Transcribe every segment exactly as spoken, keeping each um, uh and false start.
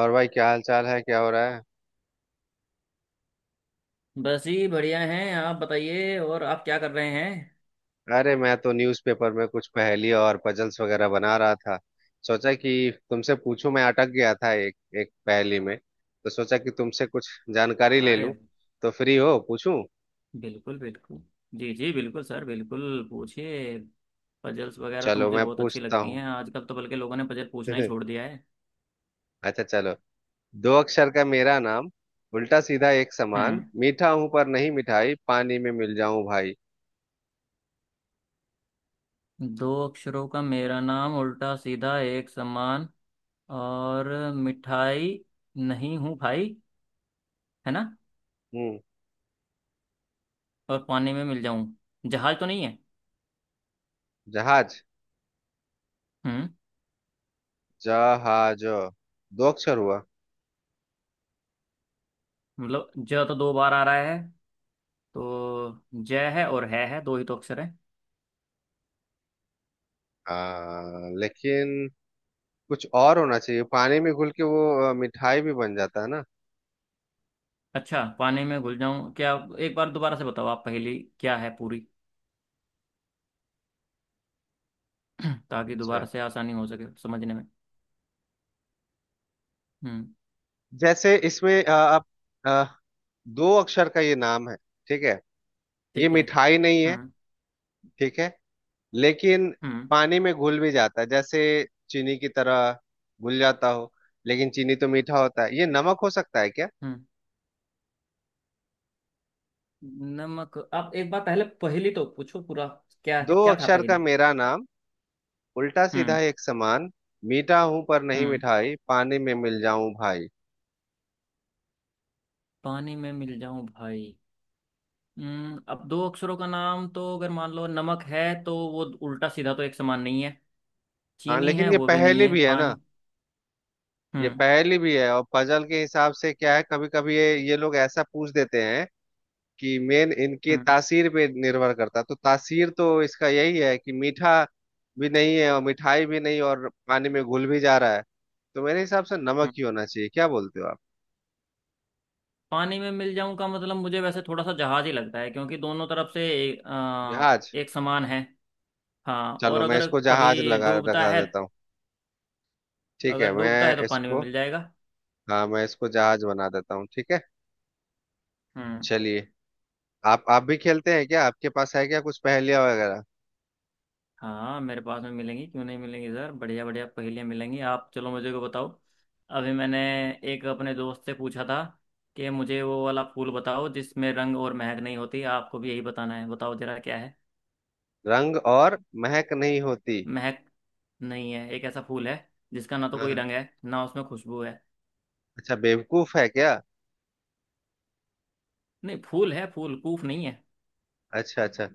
और भाई क्या हाल चाल है? क्या हो रहा है? बस ही बढ़िया हैं। आप बताइए, और आप क्या कर रहे हैं? अरे मैं तो न्यूज़पेपर में कुछ पहेली और पजल्स वगैरह बना रहा था। सोचा कि तुमसे पूछूं, मैं अटक गया था एक एक पहेली में, तो सोचा कि तुमसे कुछ जानकारी ले अरे लूं। तो फ्री हो? पूछूं? बिल्कुल बिल्कुल, जी जी बिल्कुल सर, बिल्कुल पूछिए। पजल्स वगैरह तो चलो मुझे मैं बहुत अच्छी पूछता लगती हूँ। हैं, आजकल तो बल्कि लोगों ने पजल पूछना ही छोड़ दिया है। अच्छा चलो। दो अक्षर का मेरा नाम, उल्टा सीधा एक समान, हम्म। मीठा हूं पर नहीं मिठाई, पानी में मिल जाऊं भाई। दो अक्षरों का मेरा नाम, उल्टा सीधा एक समान। और मिठाई नहीं हूँ भाई, है ना। हम्म। और पानी में मिल जाऊं। जहाज तो नहीं है? जहाज? हम्म। जहाज दो अक्षर हुआ। मतलब ज तो दो बार आ रहा है, तो ज है और है है दो ही तो अक्षर है। आ, लेकिन कुछ और होना चाहिए, पानी में घुल के वो अ, मिठाई भी बन जाता है ना। अच्छा, पानी में घुल जाऊं क्या? आप- एक बार दोबारा से बताओ, आप पहेली क्या है पूरी। ताकि अच्छा, दोबारा से आसानी हो सके समझने में। हम्म। जैसे इसमें अ, आप अ, दो अक्षर का ये नाम है, ठीक है? ये ठीक है। मिठाई नहीं है, हम्म। ठीक है? लेकिन हम्म पानी में घुल भी जाता है, जैसे चीनी की तरह घुल जाता हो। लेकिन चीनी तो मीठा होता है, ये नमक हो सकता है क्या? हम्म नमक? आप एक बार पहले पहेली तो पूछो पूरा, क्या दो क्या था अक्षर का पहेली। मेरा नाम, उल्टा सीधा हम्म। एक समान, मीठा हूं पर नहीं हम्म। मिठाई, पानी में मिल जाऊं भाई। पानी में मिल जाऊं भाई। हम्म, अब दो अक्षरों का नाम तो अगर मान लो नमक है, तो वो उल्टा सीधा तो एक समान नहीं है। हाँ चीनी है, लेकिन ये वो भी नहीं पहेली है। भी है ना। पानी। ये हम्म। पहेली भी है और पजल के हिसाब से क्या है, कभी कभी ये ये लोग ऐसा पूछ देते हैं कि मेन इनके हम्म। तासीर पे निर्भर करता है। तो तासीर तो इसका यही है कि मीठा भी नहीं है और मिठाई भी नहीं और पानी में घुल भी जा रहा है, तो मेरे हिसाब से नमक ही होना चाहिए। क्या बोलते हो आप? पानी में मिल जाऊं का मतलब मुझे वैसे थोड़ा सा जहाज ही लगता है, क्योंकि दोनों तरफ से एक, अ, जहाज। एक समान है। हाँ, चलो और मैं अगर इसको जहाज कभी लगा डूबता लगा है। देता हूँ। ठीक है अगर मैं डूबता है तो पानी में इसको। मिल जाएगा। हाँ मैं इसको जहाज बना देता हूँ, ठीक है। हम्म। चलिए। आप आप भी खेलते हैं क्या? आपके पास है क्या कुछ पहेलियां वगैरह? हाँ, मेरे पास में मिलेंगी, क्यों नहीं मिलेंगी सर, बढ़िया बढ़िया पहेलियाँ मिलेंगी। आप चलो मुझे को बताओ। अभी मैंने एक अपने दोस्त से पूछा था कि मुझे वो वाला फूल बताओ जिसमें रंग और महक नहीं होती। आपको भी यही बताना है, बताओ जरा क्या है। रंग और महक नहीं होती? महक नहीं है, एक ऐसा फूल है जिसका ना तो हाँ कोई हाँ। रंग है, ना उसमें खुशबू है। अच्छा, बेवकूफ है क्या? नहीं, फूल है, फूल कूफ नहीं है। अच्छा अच्छा।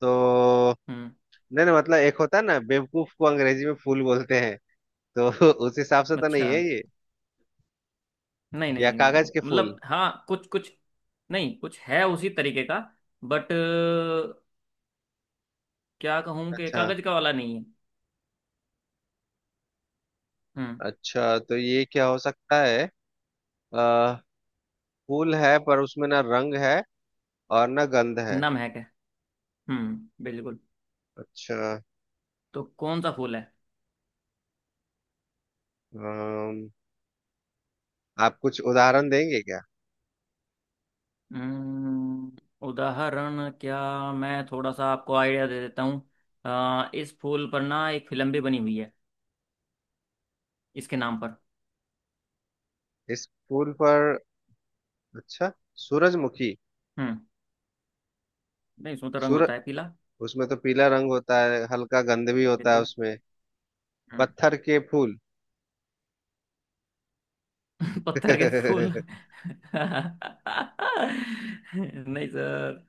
तो, हम्म। नहीं नहीं, मतलब एक होता है ना, बेवकूफ को अंग्रेजी में फूल बोलते हैं, तो उस हिसाब से तो नहीं अच्छा। है ये। नहीं या नहीं नहीं कागज के फूल? मतलब हाँ, कुछ कुछ। नहीं, कुछ है उसी तरीके का, बट क्या कहूँ कि अच्छा। कागज का वाला नहीं है। हम्म। अच्छा तो ये क्या हो सकता है? आ, फूल है पर उसमें ना रंग है और ना गंध है। नम है क्या? हम्म, बिल्कुल। अच्छा। तो कौन सा फूल है? अम, आप कुछ उदाहरण देंगे क्या? हम्म, उदाहरण क्या? मैं थोड़ा सा आपको आइडिया दे देता हूँ। अ, इस फूल पर ना एक फिल्म भी बनी हुई है, इसके नाम पर। इस फूल पर? अच्छा। सूरजमुखी? हम्म। नहीं, उसमें तो रंग सूरज, होता है पीला। उसमें तो पीला रंग होता है, हल्का गंध भी होता है बिल्कुल। उसमें। हम्म। पत्थर के फूल? पत्थर के फूल? नहीं सर,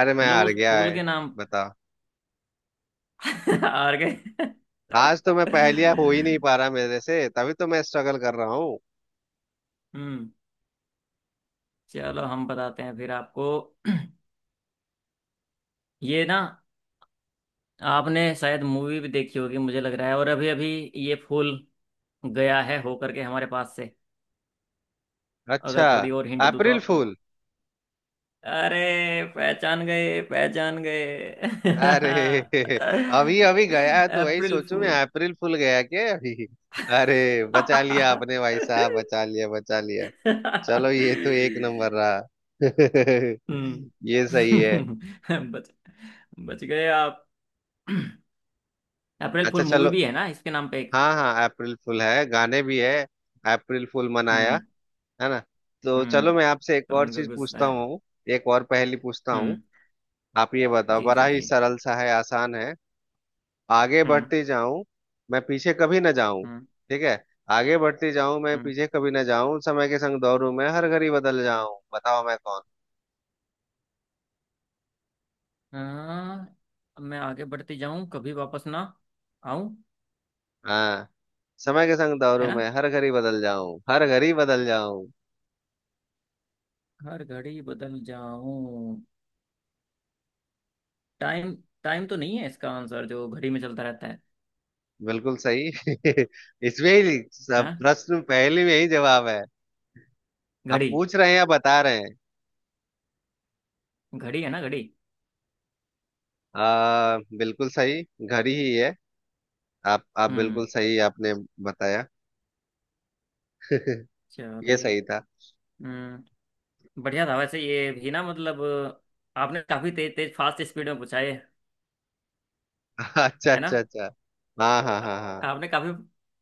अरे मैं मतलब हार उस गया फूल है। के नाम। बता। हार गए। आज तो मैं पहेलियां हो ही नहीं पा रहा मेरे से, तभी तो मैं स्ट्रगल कर रहा हूँ। हम्म। चलो हम बताते हैं फिर आपको। ये ना, आपने शायद मूवी भी देखी होगी मुझे लग रहा है, और अभी अभी ये फूल गया है हो करके हमारे पास से। अच्छा। अगर थोड़ी और हिंट दूँ तो अप्रैल आपको। फूल? अरे, पहचान गए पहचान गए। अरे अभी अभी गया है तो वही अप्रैल सोचूं, मैं फूल। अप्रैल फूल गया क्या अभी। अरे बचा लिया आपने भाई साहब, बचा लिया बचा लिया। चलो ये तो एक नंबर रहा। हम्म। ये सही है। बच बच गए आप। अप्रैल अच्छा फुल मूवी चलो। भी है ना इसके नाम पे एक। हाँ हाँ अप्रैल फूल है, गाने भी है, अप्रैल फूल मनाया, हम्म। है ना। तो चलो हम्म, मैं आपसे एक तो और उनको चीज गुस्सा पूछता है। हूँ। एक और पहेली पूछता हूँ। हम्म। आप ये बताओ, जी बड़ा जी ही जी। सरल सा है, आसान है। आगे हम्म। बढ़ते जाऊं, मैं पीछे कभी ना जाऊं। हम्म। ठीक है? आगे बढ़ते जाऊं, मैं हम्म। पीछे कभी ना जाऊं, समय के संग दौड़ूं, मैं हर घड़ी बदल जाऊं, बताओ मैं कौन। हाँ। अब मैं आगे बढ़ते जाऊं, कभी वापस ना आऊं। हाँ। समय के संग है दौड़ूं ना। मैं, हर घड़ी बदल जाऊं, हर घड़ी बदल जाऊं। हर घड़ी बदल जाऊं। टाइम। टाइम तो नहीं है इसका आंसर, जो घड़ी में चलता रहता है। बिल्कुल सही। इसमें ही सब, हाँ, प्रश्न पहेली में ही जवाब है। आप घड़ी। पूछ रहे हैं या बता रहे हैं? घड़ी है ना, घड़ी। आ, बिल्कुल सही। घर ही है। आप आप बिल्कुल हम्म। सही आपने बताया। ये चलिए। सही था। हम्म। बढ़िया था वैसे ये भी, ना मतलब आपने काफी तेज तेज फास्ट स्पीड में पूछा ये। अच्छा है ना। अच्छा अच्छा। हाँ हाँ आ- हाँ हाँ। आपने काफी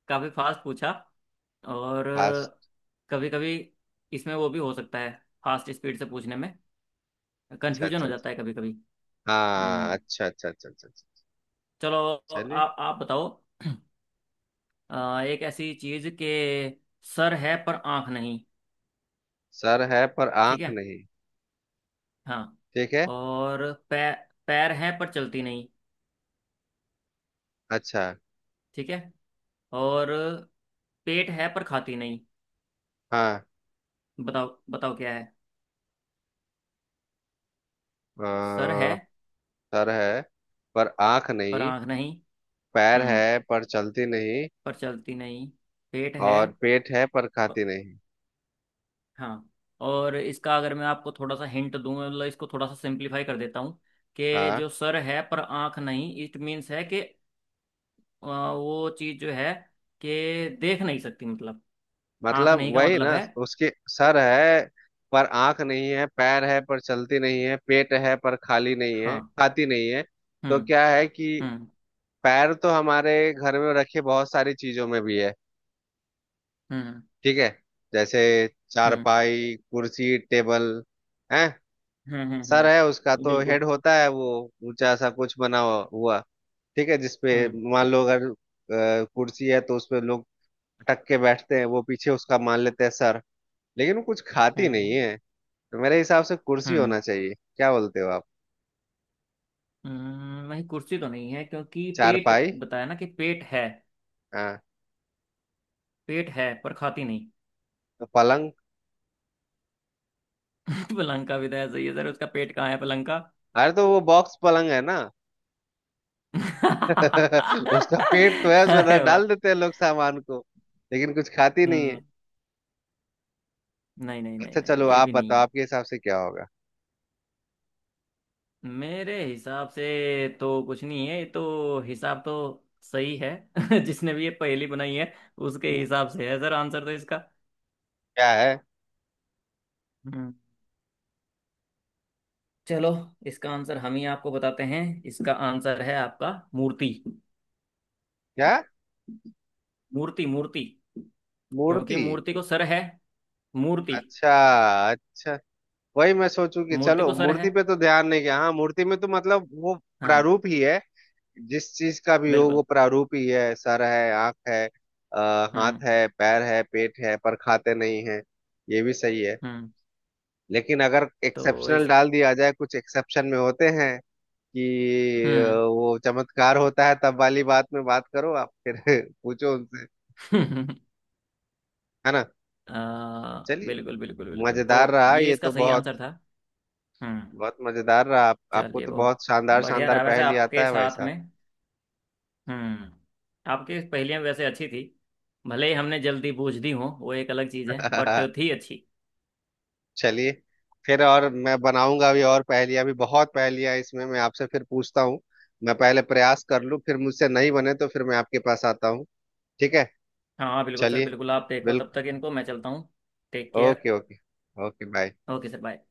काफी फास्ट पूछा। और पास। कभी कभी इसमें वो भी हो सकता है, फास्ट स्पीड से पूछने में अच्छा कंफ्यूजन अच्छा हो अच्छा। जाता है कभी कभी। हाँ, हम्म। अच्छा अच्छा अच्छा अच्छा अच्छा। चलो, आ, चलिए। आप बताओ। आ, एक ऐसी चीज के सर है पर आंख नहीं। सर है पर ठीक आंख है। नहीं, हाँ। ठीक है। और पैर, पैर है पर चलती नहीं। अच्छा। ठीक है। और पेट है पर खाती नहीं। हाँ। बताओ बताओ क्या है। सर है अ, सर है पर आंख पर नहीं, आंख नहीं। पैर हम्म। है पर चलती नहीं, पर चलती नहीं। पेट है। और पेट है पर प- खाती नहीं। हाँ। और इसका अगर मैं आपको थोड़ा सा हिंट दूं, मतलब इसको थोड़ा सा सिंप्लीफाई कर देता हूँ कि हाँ जो सर है पर आंख नहीं, इट मीन्स है कि अ, वो चीज़ जो है कि देख नहीं सकती मतलब। आंख मतलब नहीं का वही मतलब ना, है। उसके सर है पर आंख नहीं है, पैर है पर चलती नहीं है, पेट है पर खाली नहीं है, हाँ। खाती नहीं है। तो हम्म। क्या है कि हम्म। पैर तो हमारे घर में रखे बहुत सारी चीजों में भी है, हम्म। ठीक है। जैसे हम्म। चारपाई, कुर्सी, टेबल है। हम्म। हम्म। सर है उसका, हम्म, तो बिल्कुल। हेड होता है वो, ऊंचा सा कुछ बना हुआ हुआ, ठीक है, जिसपे हम्म। मान लो अगर अ, कुर्सी है तो उसपे लोग अटक के बैठते हैं, वो पीछे उसका मान लेते हैं सर, लेकिन वो कुछ खाती नहीं हम्म। है। तो मेरे हिसाब से कुर्सी होना हम्म। चाहिए, क्या बोलते हो आप? हम्म, नहीं कुर्सी तो नहीं है, क्योंकि पेट चारपाई? बताया ना कि पेट है, हाँ। पेट है पर खाती नहीं। तो पलंग? पलंग का भी तो ऐसा ही है सर, उसका पेट कहाँ है पलंग का। अरे तो वो बॉक्स पलंग है ना। उसका पेट तो है, उसमें डा- अरे वाह। डाल देते हैं लोग सामान को, लेकिन कुछ खाती नहीं है। हम्म। नहीं नहीं नहीं अच्छा नहीं चलो ये आप भी नहीं बताओ है। आपके हिसाब से क्या होगा। मेरे हिसाब से तो कुछ नहीं है, ये तो हिसाब तो सही है। जिसने भी ये पहेली बनाई है, उसके हम्म, हिसाब से है सर आंसर तो इसका। क्या है? हम्म। चलो, इसका आंसर हम ही आपको बताते हैं। इसका आंसर है आपका मूर्ति। क्या? मूर्ति मूर्ति क्योंकि मूर्ति? मूर्ति को सर है, मूर्ति, अच्छा, अच्छा। वही मैं सोचू कि मूर्ति चलो को सर है। मूर्ति पे तो ध्यान नहीं गया। हाँ, मूर्ति में तो मतलब वो हाँ, प्रारूप ही है, जिस चीज का भी हो वो बिल्कुल। प्रारूप ही है, सर है, आंख है, अ, हाथ हम्म। है, पैर है, पेट है, पर खाते नहीं है। ये भी सही है। हम्म, लेकिन अगर तो एक्सेप्शनल इस। डाल दिया जाए, कुछ एक्सेप्शन में होते हैं कि अ, हम्म। वो चमत्कार होता है, तब वाली बात में बात करो आप फिर, पूछो उनसे, है ना। आ, चलिए। बिल्कुल बिल्कुल बिल्कुल, तो मजेदार रहा ये ये इसका तो, सही बहुत आंसर था। हम्म। बहुत मजेदार रहा। आप, आपको चलिए, तो बहुत बहुत शानदार बढ़िया शानदार रहा वैसे पहेली आता आपके है भाई साथ साहब। में। हम्म। आपकी पहेलियां वैसे अच्छी थी, भले ही हमने जल्दी बूझ दी हो वो एक अलग चीज़ है, बट थी अच्छी। चलिए। फिर और मैं बनाऊंगा भी और पहेलियां, भी बहुत पहेलियां इसमें मैं आपसे फिर पूछता हूँ। मैं पहले प्रयास कर लूँ, फिर मुझसे नहीं बने तो फिर मैं आपके पास आता हूँ, ठीक है। हाँ बिल्कुल सर, चलिए, बिल्कुल। आप देखो, तब बिल्कुल। तक इनको, मैं चलता हूँ। Take okay care. Okay. Okay bye. Okay sir, bye.